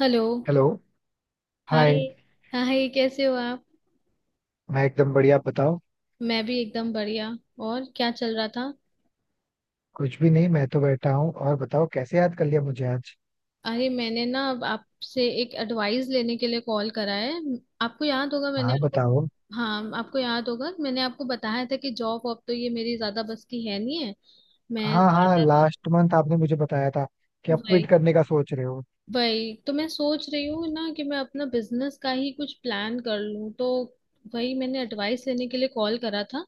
Hello. Hello. Hi hi. Hi. कैसे हो आप? मैं एकदम बढ़िया, आप बताओ. मैं भी एकदम बढ़िया। और क्या चल रहा था? कुछ भी नहीं, मैं तो बैठा हूँ. और बताओ कैसे याद कर लिया मुझे आज. अरे मैंने ना अब आपसे एक एडवाइस लेने के लिए कॉल करा है। आपको याद होगा मैंने हाँ, आपको बताओ. हाँ, आपको याद होगा कि मैंने आपको बताया था कि जॉब वॉब तो ये मेरी ज्यादा बस की है नहीं है। मैं हाँ हाँ, ज्यादा लास्ट मंथ आपने मुझे बताया था कि आप क्विट वही करने का सोच रहे हो. वही तो मैं सोच रही हूँ ना, कि मैं अपना बिजनेस का ही कुछ प्लान कर लूँ, तो वही मैंने एडवाइस लेने के लिए कॉल करा था।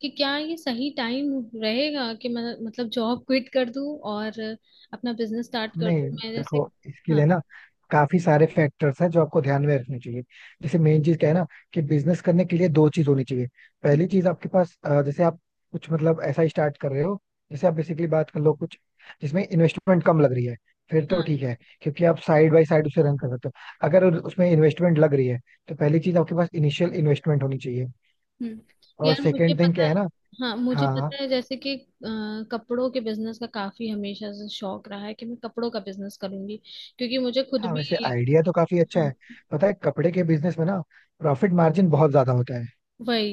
कि क्या ये सही टाइम रहेगा कि मैं मतलब जॉब क्विट कर दूँ और अपना बिजनेस स्टार्ट कर दूँ, नहीं, मैं जैसे। देखो इसके लिए हाँ ना काफी सारे फैक्टर्स हैं जो आपको ध्यान में रखने चाहिए. जैसे मेन चीज क्या है ना, कि बिजनेस करने के लिए दो चीज होनी चाहिए. पहली चीज आपके पास, जैसे आप कुछ मतलब ऐसा स्टार्ट कर रहे हो, जैसे आप बेसिकली बात कर लो कुछ जिसमें इन्वेस्टमेंट कम लग रही है, फिर तो हाँ। ठीक है. क्योंकि आप साइड बाय साइड उसे रन कर सकते हो. अगर उसमें इन्वेस्टमेंट लग रही है, तो पहली चीज आपके पास इनिशियल इन्वेस्टमेंट होनी चाहिए. हम्म। और यार मुझे सेकेंड थिंग पता क्या है। है ना. हाँ मुझे पता हाँ है, जैसे कि कपड़ों के बिजनेस का काफी हमेशा से शौक रहा है कि मैं कपड़ों का बिजनेस करूंगी, क्योंकि मुझे खुद हाँ, भी। वैसे आइडिया तो काफी अच्छा हाँ। है. पता है कपड़े के बिजनेस में ना, प्रॉफिट मार्जिन बहुत ज्यादा होता है. वही।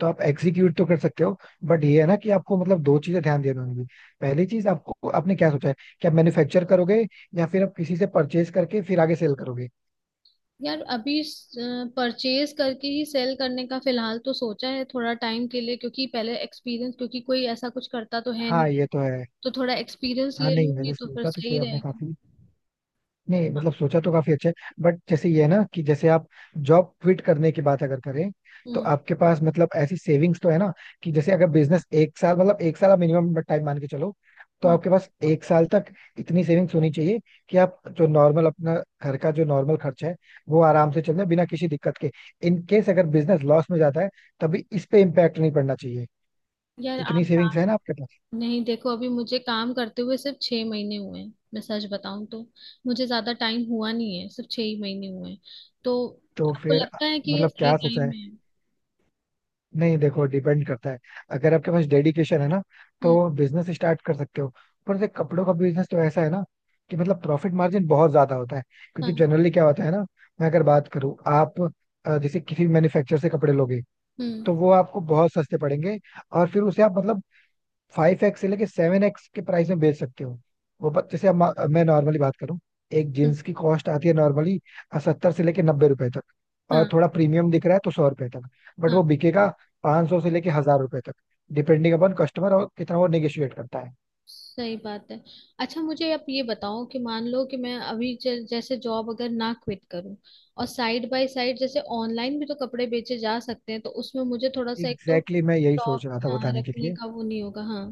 तो आप एग्जीक्यूट तो कर सकते हो, बट ये है ना कि आपको मतलब दो चीजें ध्यान देनी होंगी. पहली चीज, आपको आपने क्या सोचा है कि आप मैन्युफैक्चर करोगे या फिर आप किसी से परचेज करके फिर आगे सेल करोगे. यार अभी परचेज करके ही सेल करने का फिलहाल तो सोचा है थोड़ा टाइम के लिए, क्योंकि पहले एक्सपीरियंस, क्योंकि कोई ऐसा कुछ करता तो है हाँ, नहीं। ये तो है. तो थोड़ा एक्सपीरियंस हाँ. ले नहीं, मैंने लूंगी तो फिर सोचा तो सही सही आपने रहेगा। काफी. नहीं, मतलब सोचा तो काफी अच्छा है. बट जैसे ये है ना कि जैसे आप जॉब क्विट करने की बात अगर करें, तो हम्म। आपके पास मतलब ऐसी सेविंग्स तो है ना, कि जैसे अगर बिजनेस एक साल, मतलब एक साल आप मिनिमम टाइम मान के चलो, तो हम्म। आपके पास एक साल तक इतनी सेविंग्स होनी चाहिए कि आप जो नॉर्मल अपना घर का जो नॉर्मल खर्चा है, वो आराम से चल जाए बिना किसी दिक्कत के. इन केस अगर बिजनेस लॉस में जाता है, तभी इस पे इम्पैक्ट नहीं पड़ना चाहिए. यार तो आप इतनी सेविंग्स बात है ना आपके पास? नहीं, देखो, अभी मुझे काम करते हुए सिर्फ 6 महीने हुए हैं, मैं सच बताऊं तो। मुझे ज्यादा टाइम हुआ नहीं है, सिर्फ 6 ही महीने हुए हैं। तो तो आपको फिर लगता है कि ये मतलब सही क्या सोचा टाइम है? है? नहीं, देखो डिपेंड करता है. अगर आपके पास डेडिकेशन है ना, हम्म। तो बिजनेस स्टार्ट कर सकते हो. पर से कपड़ों का बिजनेस तो ऐसा है ना, कि मतलब प्रॉफिट मार्जिन बहुत ज्यादा होता है. क्योंकि हाँ। जनरली क्या होता है ना. मैं अगर बात करूँ, आप जैसे किसी मैन्युफैक्चर से कपड़े लोगे, हम्म। तो वो आपको बहुत सस्ते पड़ेंगे. और फिर उसे आप मतलब 5x से लेके 7x के प्राइस में बेच सकते हो. वो जैसे अब मैं नॉर्मली बात करूँ, एक हम्म। जींस की कॉस्ट आती है नॉर्मली 70 से लेके 90 रुपए तक, और हाँ। थोड़ा प्रीमियम दिख रहा है तो 100 रुपए तक. बट हाँ। वो बिकेगा 500 से लेके 1,000 रुपए तक, डिपेंडिंग अपॉन कस्टमर और कितना वो नेगोशिएट करता है. सही बात है। अच्छा, मुझे आप ये बताओ कि मान लो कि मैं अभी जैसे जॉब अगर ना क्विट करूं, और साइड बाय साइड जैसे ऑनलाइन भी तो कपड़े बेचे जा सकते हैं, तो उसमें मुझे थोड़ा सा एक एग्जैक्टली तो exactly, मैं यही सोच स्टॉक, रहा था हाँ, बताने के रखने लिए. का वो नहीं होगा। हाँ।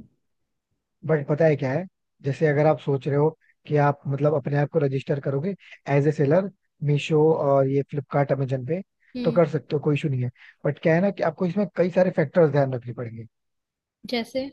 बट पता है क्या है, जैसे अगर आप सोच रहे हो कि आप मतलब अपने आप को रजिस्टर करोगे एज ए सेलर, मीशो और ये फ्लिपकार्ट अमेजन पे, तो हम्म। कर सकते हो, कोई इशू नहीं है. बट क्या है ना, कि आपको इसमें कई सारे फैक्टर्स ध्यान रखने पड़ेंगे. जैसे?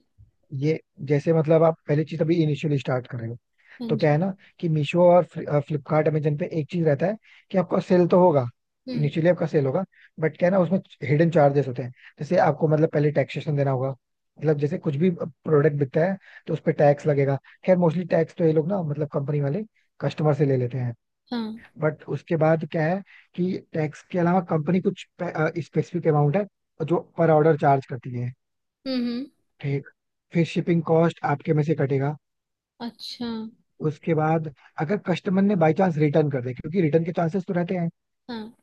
ये, जैसे मतलब आप पहली चीज अभी इनिशियली स्टार्ट कर रहे हो. हाँ तो क्या जी। है ना, कि मीशो और फ्लिपकार्ट अमेजन पे एक चीज रहता है कि आपका सेल तो होगा. हम्म। इनिशियली आपका सेल होगा, बट क्या है ना उसमें हिडन चार्जेस होते हैं. जैसे आपको मतलब पहले टैक्सेशन देना होगा. मतलब जैसे कुछ भी प्रोडक्ट बिकता है, तो उस पर टैक्स लगेगा. खैर मोस्टली टैक्स तो ये लोग ना, मतलब कंपनी वाले, कस्टमर से ले लेते हैं. हाँ। बट उसके बाद क्या है, कि टैक्स के अलावा कंपनी कुछ स्पेसिफिक अमाउंट है जो पर ऑर्डर चार्ज करती है. हम्म। हम्म। ठीक. फिर शिपिंग कॉस्ट आपके में से कटेगा. अच्छा। उसके बाद अगर कस्टमर ने बाई चांस रिटर्न कर दे, क्योंकि रिटर्न के चांसेस तो रहते हैं. हाँ।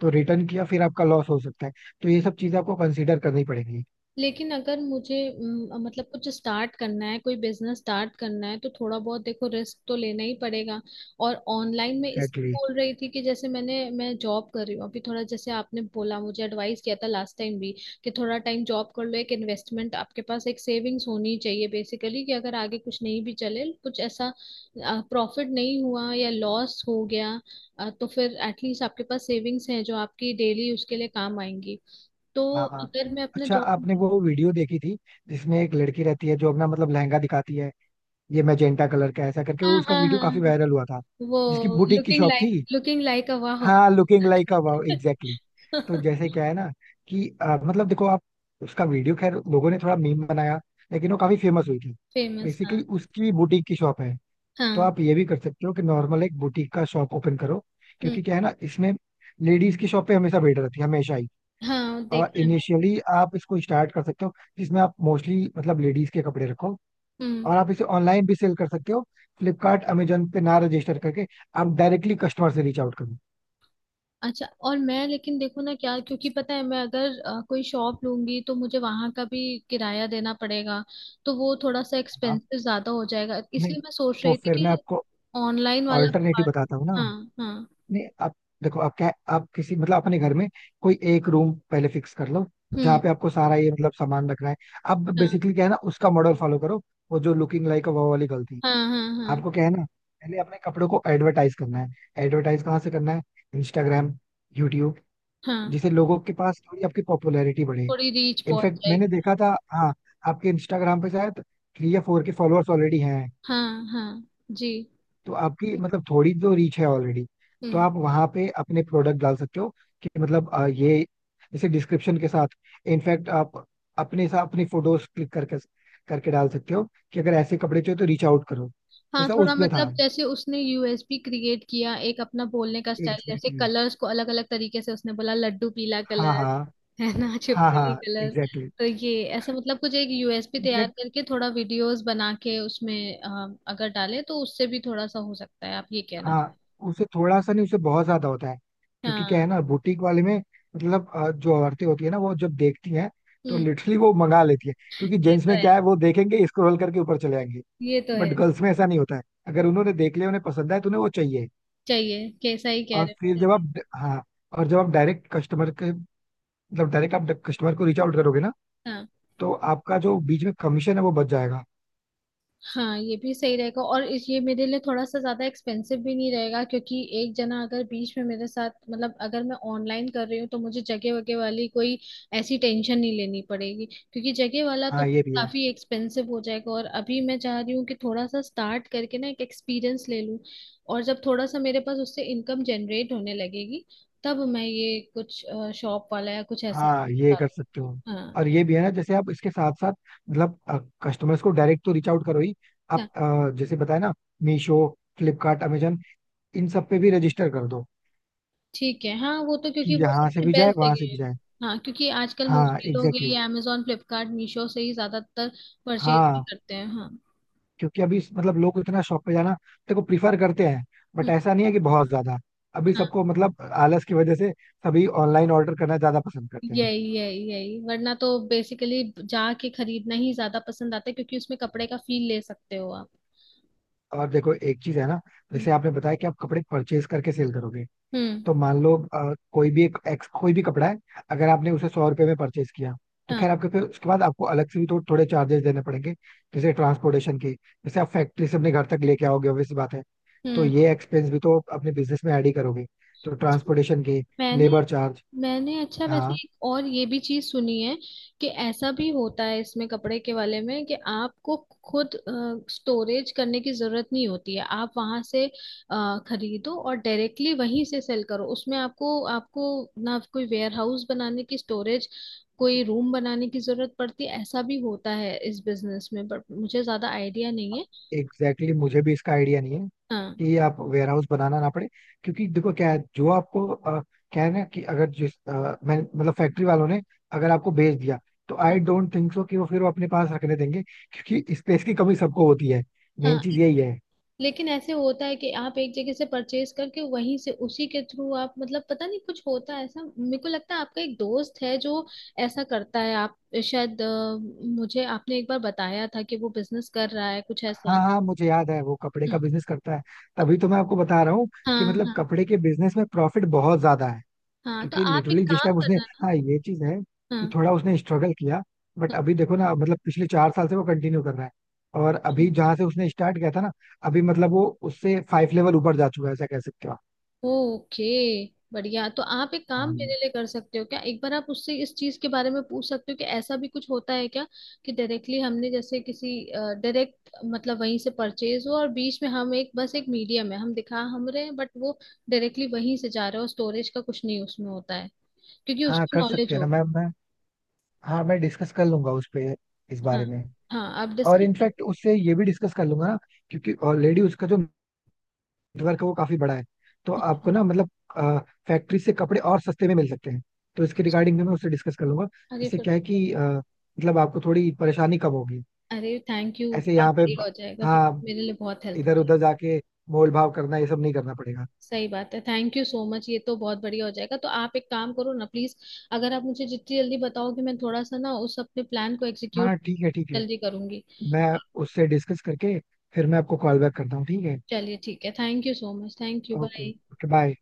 तो रिटर्न किया फिर आपका लॉस हो सकता है. तो ये सब चीजें आपको कंसीडर करनी पड़ेगी. लेकिन अगर मुझे मतलब कुछ स्टार्ट करना है, कोई बिजनेस स्टार्ट करना है, तो थोड़ा बहुत देखो, रिस्क तो लेना ही पड़ेगा। और ऑनलाइन में इस एग्जैक्टली exactly. बोल रही थी कि जैसे मैंने, मैं जॉब कर रही हूँ अभी, थोड़ा जैसे आपने बोला, मुझे एडवाइस किया था लास्ट टाइम भी, कि थोड़ा टाइम जॉब कर लो, एक इन्वेस्टमेंट आपके पास, एक सेविंग्स होनी चाहिए बेसिकली, कि अगर आगे कुछ नहीं भी चले, कुछ ऐसा प्रॉफिट नहीं हुआ या लॉस हो गया, तो फिर एटलीस्ट आपके पास सेविंग्स हैं जो आपकी डेली उसके लिए काम आएंगी। तो हाँ हाँ. अगर मैं अपना अच्छा, जॉब। आपने वो वीडियो देखी थी जिसमें एक लड़की रहती है जो अपना मतलब लहंगा दिखाती है, ये मैजेंटा कलर का ऐसा करके, हाँ वो उसका हाँ हाँ वीडियो हाँ, काफी हाँ। वायरल हुआ था, जिसकी वो बुटीक की लुकिंग शॉप लाइक, थी? अ वाह। हाँ, looking like a wow, exactly. तो जैसे क्या है ना कि, मतलब देखो आप, उसका वीडियो खैर लोगों ने थोड़ा मीम बनाया, लेकिन वो काफी फेमस हुई थी. फेमस हाँ। बेसिकली उसकी बुटीक की शॉप है. तो हाँ। आप ये भी कर सकते हो कि नॉर्मल एक बुटीक का शॉप ओपन करो, हम्म। क्योंकि क्या है ना इसमें, लेडीज की शॉप पे हमेशा भीड़ रहती है, हमेशा ही. हाँ और देखा है। इनिशियली आप इसको स्टार्ट कर सकते हो, जिसमें आप मोस्टली मतलब लेडीज के कपड़े रखो. मैंने। हम्म। और आप इसे ऑनलाइन भी सेल कर सकते हो. फ्लिपकार्ट अमेजोन पे ना रजिस्टर करके, आप डायरेक्टली कस्टमर से रीच आउट करो. अच्छा, और मैं, लेकिन देखो ना क्या, क्योंकि पता है मैं अगर कोई शॉप लूंगी तो मुझे वहां का भी किराया देना पड़ेगा, तो वो थोड़ा सा हाँ. एक्सपेंसिव ज्यादा हो जाएगा, नहीं, इसलिए मैं सोच तो रही थी फिर मैं कि आपको ऑनलाइन वाला ऑल्टरनेटिव बताता हूँ ना. हाँ। हाँ। नहीं आप, देखो आप क्या, आप किसी मतलब अपने घर में कोई एक रूम पहले फिक्स कर लो, जहाँ हम्म। पे आपको सारा ये मतलब सामान रखना है. अब हाँ। बेसिकली क्या है ना, उसका मॉडल फॉलो करो, वो जो लुकिंग लाइक वो वाली गलती. हाँ। हाँ। हाँ। आपको क्या है ना, पहले अपने कपड़ों को एडवर्टाइज करना है. एडवर्टाइज कहाँ से करना है? इंस्टाग्राम, यूट्यूब, हाँ, जिससे लोगों के पास थोड़ी आपकी पॉपुलैरिटी बढ़े. थोड़ी रीच पहुंच इनफैक्ट मैंने जाएगी। देखा था, हाँ, आपके इंस्टाग्राम पे शायद 3 या 4 के फॉलोअर्स ऑलरेडी हैं. हाँ। हाँ जी। तो आपकी मतलब थोड़ी तो रीच है ऑलरेडी. तो हम्म। आप वहां पे अपने प्रोडक्ट डाल सकते हो, कि मतलब ये जैसे डिस्क्रिप्शन के साथ. इनफैक्ट आप अपने साथ अपनी फोटोज क्लिक करके करके डाल सकते हो, कि अगर ऐसे कपड़े चाहिए तो रीच आउट करो, हाँ, जैसा थोड़ा, उसमें था. मतलब जैसे उसने यूएसपी क्रिएट किया, एक अपना बोलने का स्टाइल, जैसे एग्जैक्टली exactly. कलर्स को अलग अलग तरीके से उसने बोला, लड्डू पीला हाँ कलर, हाँ है ना हाँ छिपकली हाँ, कलर। एग्जैक्टली. तो ये, ऐसा मतलब कुछ एक यूएसपी तैयार करके, थोड़ा वीडियोस बना के उसमें अगर डाले, तो उससे भी थोड़ा सा हो सकता है, आप ये कहना। हाँ, उसे थोड़ा सा नहीं, उसे बहुत ज्यादा होता है. क्योंकि क्या हाँ। है ना बुटीक वाले में, मतलब जो औरतें होती है ना, वो जब देखती हैं, तो हम्म। लिटरली वो मंगा लेती है. क्योंकि ये जेंट्स तो में है। क्या है, वो देखेंगे स्क्रॉल करके ऊपर चले जाएंगे. ये तो बट है। गर्ल्स में ऐसा नहीं होता है. अगर उन्होंने देख लिया, उन्हें पसंद आए, तो उन्हें वो चाहिए. चाहिए, कैसा ही कह और रहे फिर हो, जब सही आप. हाँ, और जब आप डायरेक्ट कस्टमर के, मतलब डायरेक्ट आप कस्टमर को रीच आउट करोगे ना, है। हाँ। तो आपका जो बीच में कमीशन है वो बच जाएगा. हाँ, ये भी सही रहेगा। ये मेरे लिए थोड़ा सा ज्यादा एक्सपेंसिव भी नहीं रहेगा, क्योंकि एक जना अगर बीच में मेरे साथ, मतलब अगर मैं ऑनलाइन कर रही हूँ तो मुझे जगह वगैरह वाली कोई ऐसी टेंशन नहीं लेनी पड़ेगी, क्योंकि जगह वाला तो हाँ, ये भी है. काफी एक्सपेंसिव हो जाएगा। और अभी मैं चाह रही हूँ कि थोड़ा सा स्टार्ट करके ना एक एक्सपीरियंस ले लूँ, और जब थोड़ा सा मेरे पास उससे इनकम जनरेट होने लगेगी, तब मैं ये कुछ शॉप वाला या कुछ ऐसा हाँ, ये करूँ। कर सकते हो. और ये भी है ना, जैसे आप इसके साथ साथ मतलब कस्टमर्स को डायरेक्ट तो रीच आउट करो ही. हाँ। आप जैसे बताया ना, मीशो, फ्लिपकार्ट, अमेजन, इन सब पे भी रजिस्टर कर दो, ठीक है, हाँ, वो तो कि क्योंकि वो यहाँ से सबसे भी जाए बेस्ट वहां से जगह है। भी जाए. हाँ, क्योंकि आजकल हाँ, मोस्टली लोग एग्जैक्टली ये exactly. अमेजोन फ्लिपकार्ट मीशो से ही ज्यादातर परचेज भी हाँ, करते हैं। हाँ। क्योंकि अभी मतलब लोग इतना शॉप पे जाना, देखो, प्रीफर करते हैं, बट हम्म। ऐसा नहीं है कि बहुत ज्यादा. अभी हाँ, सबको मतलब आलस की वजह से, सभी ऑनलाइन ऑर्डर करना ज्यादा पसंद करते हैं. यही यही यही, वरना तो बेसिकली जाके खरीदना ही ज्यादा पसंद आता है, क्योंकि उसमें कपड़े का फील ले सकते हो आप। और देखो एक चीज है ना, हम्म। जैसे आपने बताया कि आप कपड़े परचेज करके सेल करोगे, हम्म। तो मान लो कोई भी एक कोई भी कपड़ा है, अगर आपने उसे 100 रुपए में परचेज किया, तो खैर हाँ। आपके, फिर उसके बाद आपको अलग से भी तो थोड़े चार्जेस देने पड़ेंगे. जैसे ट्रांसपोर्टेशन के, जैसे आप फैक्ट्री से अपने घर तक लेके आओगे, obvious सी बात है. तो हम्म। ये एक्सपेंस भी तो अपने बिजनेस में ऐड ही करोगे. तो ट्रांसपोर्टेशन के, मैंने लेबर चार्ज. मैंने अच्छा, वैसे हाँ एक और ये भी चीज सुनी है कि ऐसा भी होता है इसमें कपड़े के वाले में, कि आपको खुद स्टोरेज करने की जरूरत नहीं होती है, आप वहां से खरीदो और डायरेक्टली वहीं से सेल करो, उसमें आपको आपको ना कोई वेयर हाउस बनाने की, स्टोरेज, कोई रूम बनाने की जरूरत पड़ती है, ऐसा भी होता है इस बिजनेस में, बट मुझे ज्यादा आइडिया नहीं है। एग्जैक्टली exactly, मुझे भी इसका आइडिया नहीं है हाँ। कि आप वेयरहाउस बनाना ना पड़े. क्योंकि देखो क्या है, जो आपको क्या है ना कि, अगर जिस मैं मतलब फैक्ट्री वालों ने अगर आपको बेच दिया, तो हाँ। आई डोंट थिंक सो कि वो फिर वो अपने पास रखने देंगे, क्योंकि स्पेस की कमी सबको होती है. मेन हाँ, चीज यही है. लेकिन ऐसे होता है कि आप एक जगह से परचेज करके वहीं से उसी के थ्रू आप, मतलब पता नहीं कुछ होता है ऐसा मेरे को लगता है, आपका एक दोस्त है जो ऐसा करता है, आप शायद, मुझे आपने एक बार बताया था कि वो बिजनेस कर रहा है कुछ हाँ ऐसा। हाँ, मुझे याद है वो कपड़े का हम्म। बिजनेस करता है. तो- तभी तो मैं आपको बता रहा हूँ कि हाँ मतलब हाँ। कपड़े के बिजनेस में प्रॉफिट बहुत ज्यादा है. हाँ, तो क्योंकि आप एक लिटरली जिस टाइम काम उसने. करना ना। हाँ, ये चीज है कि हाँ थोड़ा उसने स्ट्रगल किया. बट हाँ। अभी देखो ना, मतलब पिछले 4 साल से वो कंटिन्यू कर रहा है. और अभी अच्छा। जहां से उसने स्टार्ट किया था ना, अभी मतलब वो उससे 5 लेवल ऊपर जा चुका है, ऐसा कह सकते हो आप. ओके, बढ़िया, तो आप एक काम मेरे हाँ लिए कर सकते हो क्या, एक बार आप उससे इस चीज के बारे में पूछ सकते हो कि ऐसा भी कुछ होता है क्या, कि डायरेक्टली हमने जैसे किसी, डायरेक्ट मतलब वहीं से परचेज हो और बीच में हम एक बस एक मीडियम है, हम दिखा हम रहे हैं, बट वो डायरेक्टली वहीं से जा रहा है और स्टोरेज का कुछ नहीं उसमें होता है, क्योंकि हाँ, उसको कर नॉलेज सकते हैं ना. होगा। मैं, हाँ, मैं डिस्कस कर लूंगा उस पे, इस हाँ। बारे में. हाँ, आप और डिस्कस कर। इनफैक्ट उससे ये भी डिस्कस कर लूंगा ना, क्योंकि ऑलरेडी उसका जो नेटवर्क है वो काफी बड़ा है. तो आपको ना, मतलब फैक्ट्री से कपड़े और सस्ते में मिल सकते हैं. तो इसके अच्छा। रिगार्डिंग में मैं उससे डिस्कस कर लूंगा. अरे इससे फिर क्या है तो, कि, मतलब आपको थोड़ी परेशानी कम होगी. अरे थैंक यू, ऐसे बहुत यहाँ पे, बढ़िया हो जाएगा फिर हाँ, तो मेरे लिए, बहुत हेल्प। इधर उधर जाके मोल भाव करना, ये सब नहीं करना पड़ेगा. सही बात है, थैंक यू सो मच, ये तो बहुत बढ़िया हो जाएगा। तो आप एक काम करो ना प्लीज, अगर आप मुझे जितनी जल्दी बताओगे, मैं थोड़ा सा ना उस अपने प्लान को एग्जीक्यूट हाँ, ठीक है ठीक है. जल्दी करूंगी। मैं उससे डिस्कस करके फिर मैं आपको कॉल बैक करता हूँ, ठीक है? चलिए ठीक है, thank you so much, thank you, okay bye. Okay, bye.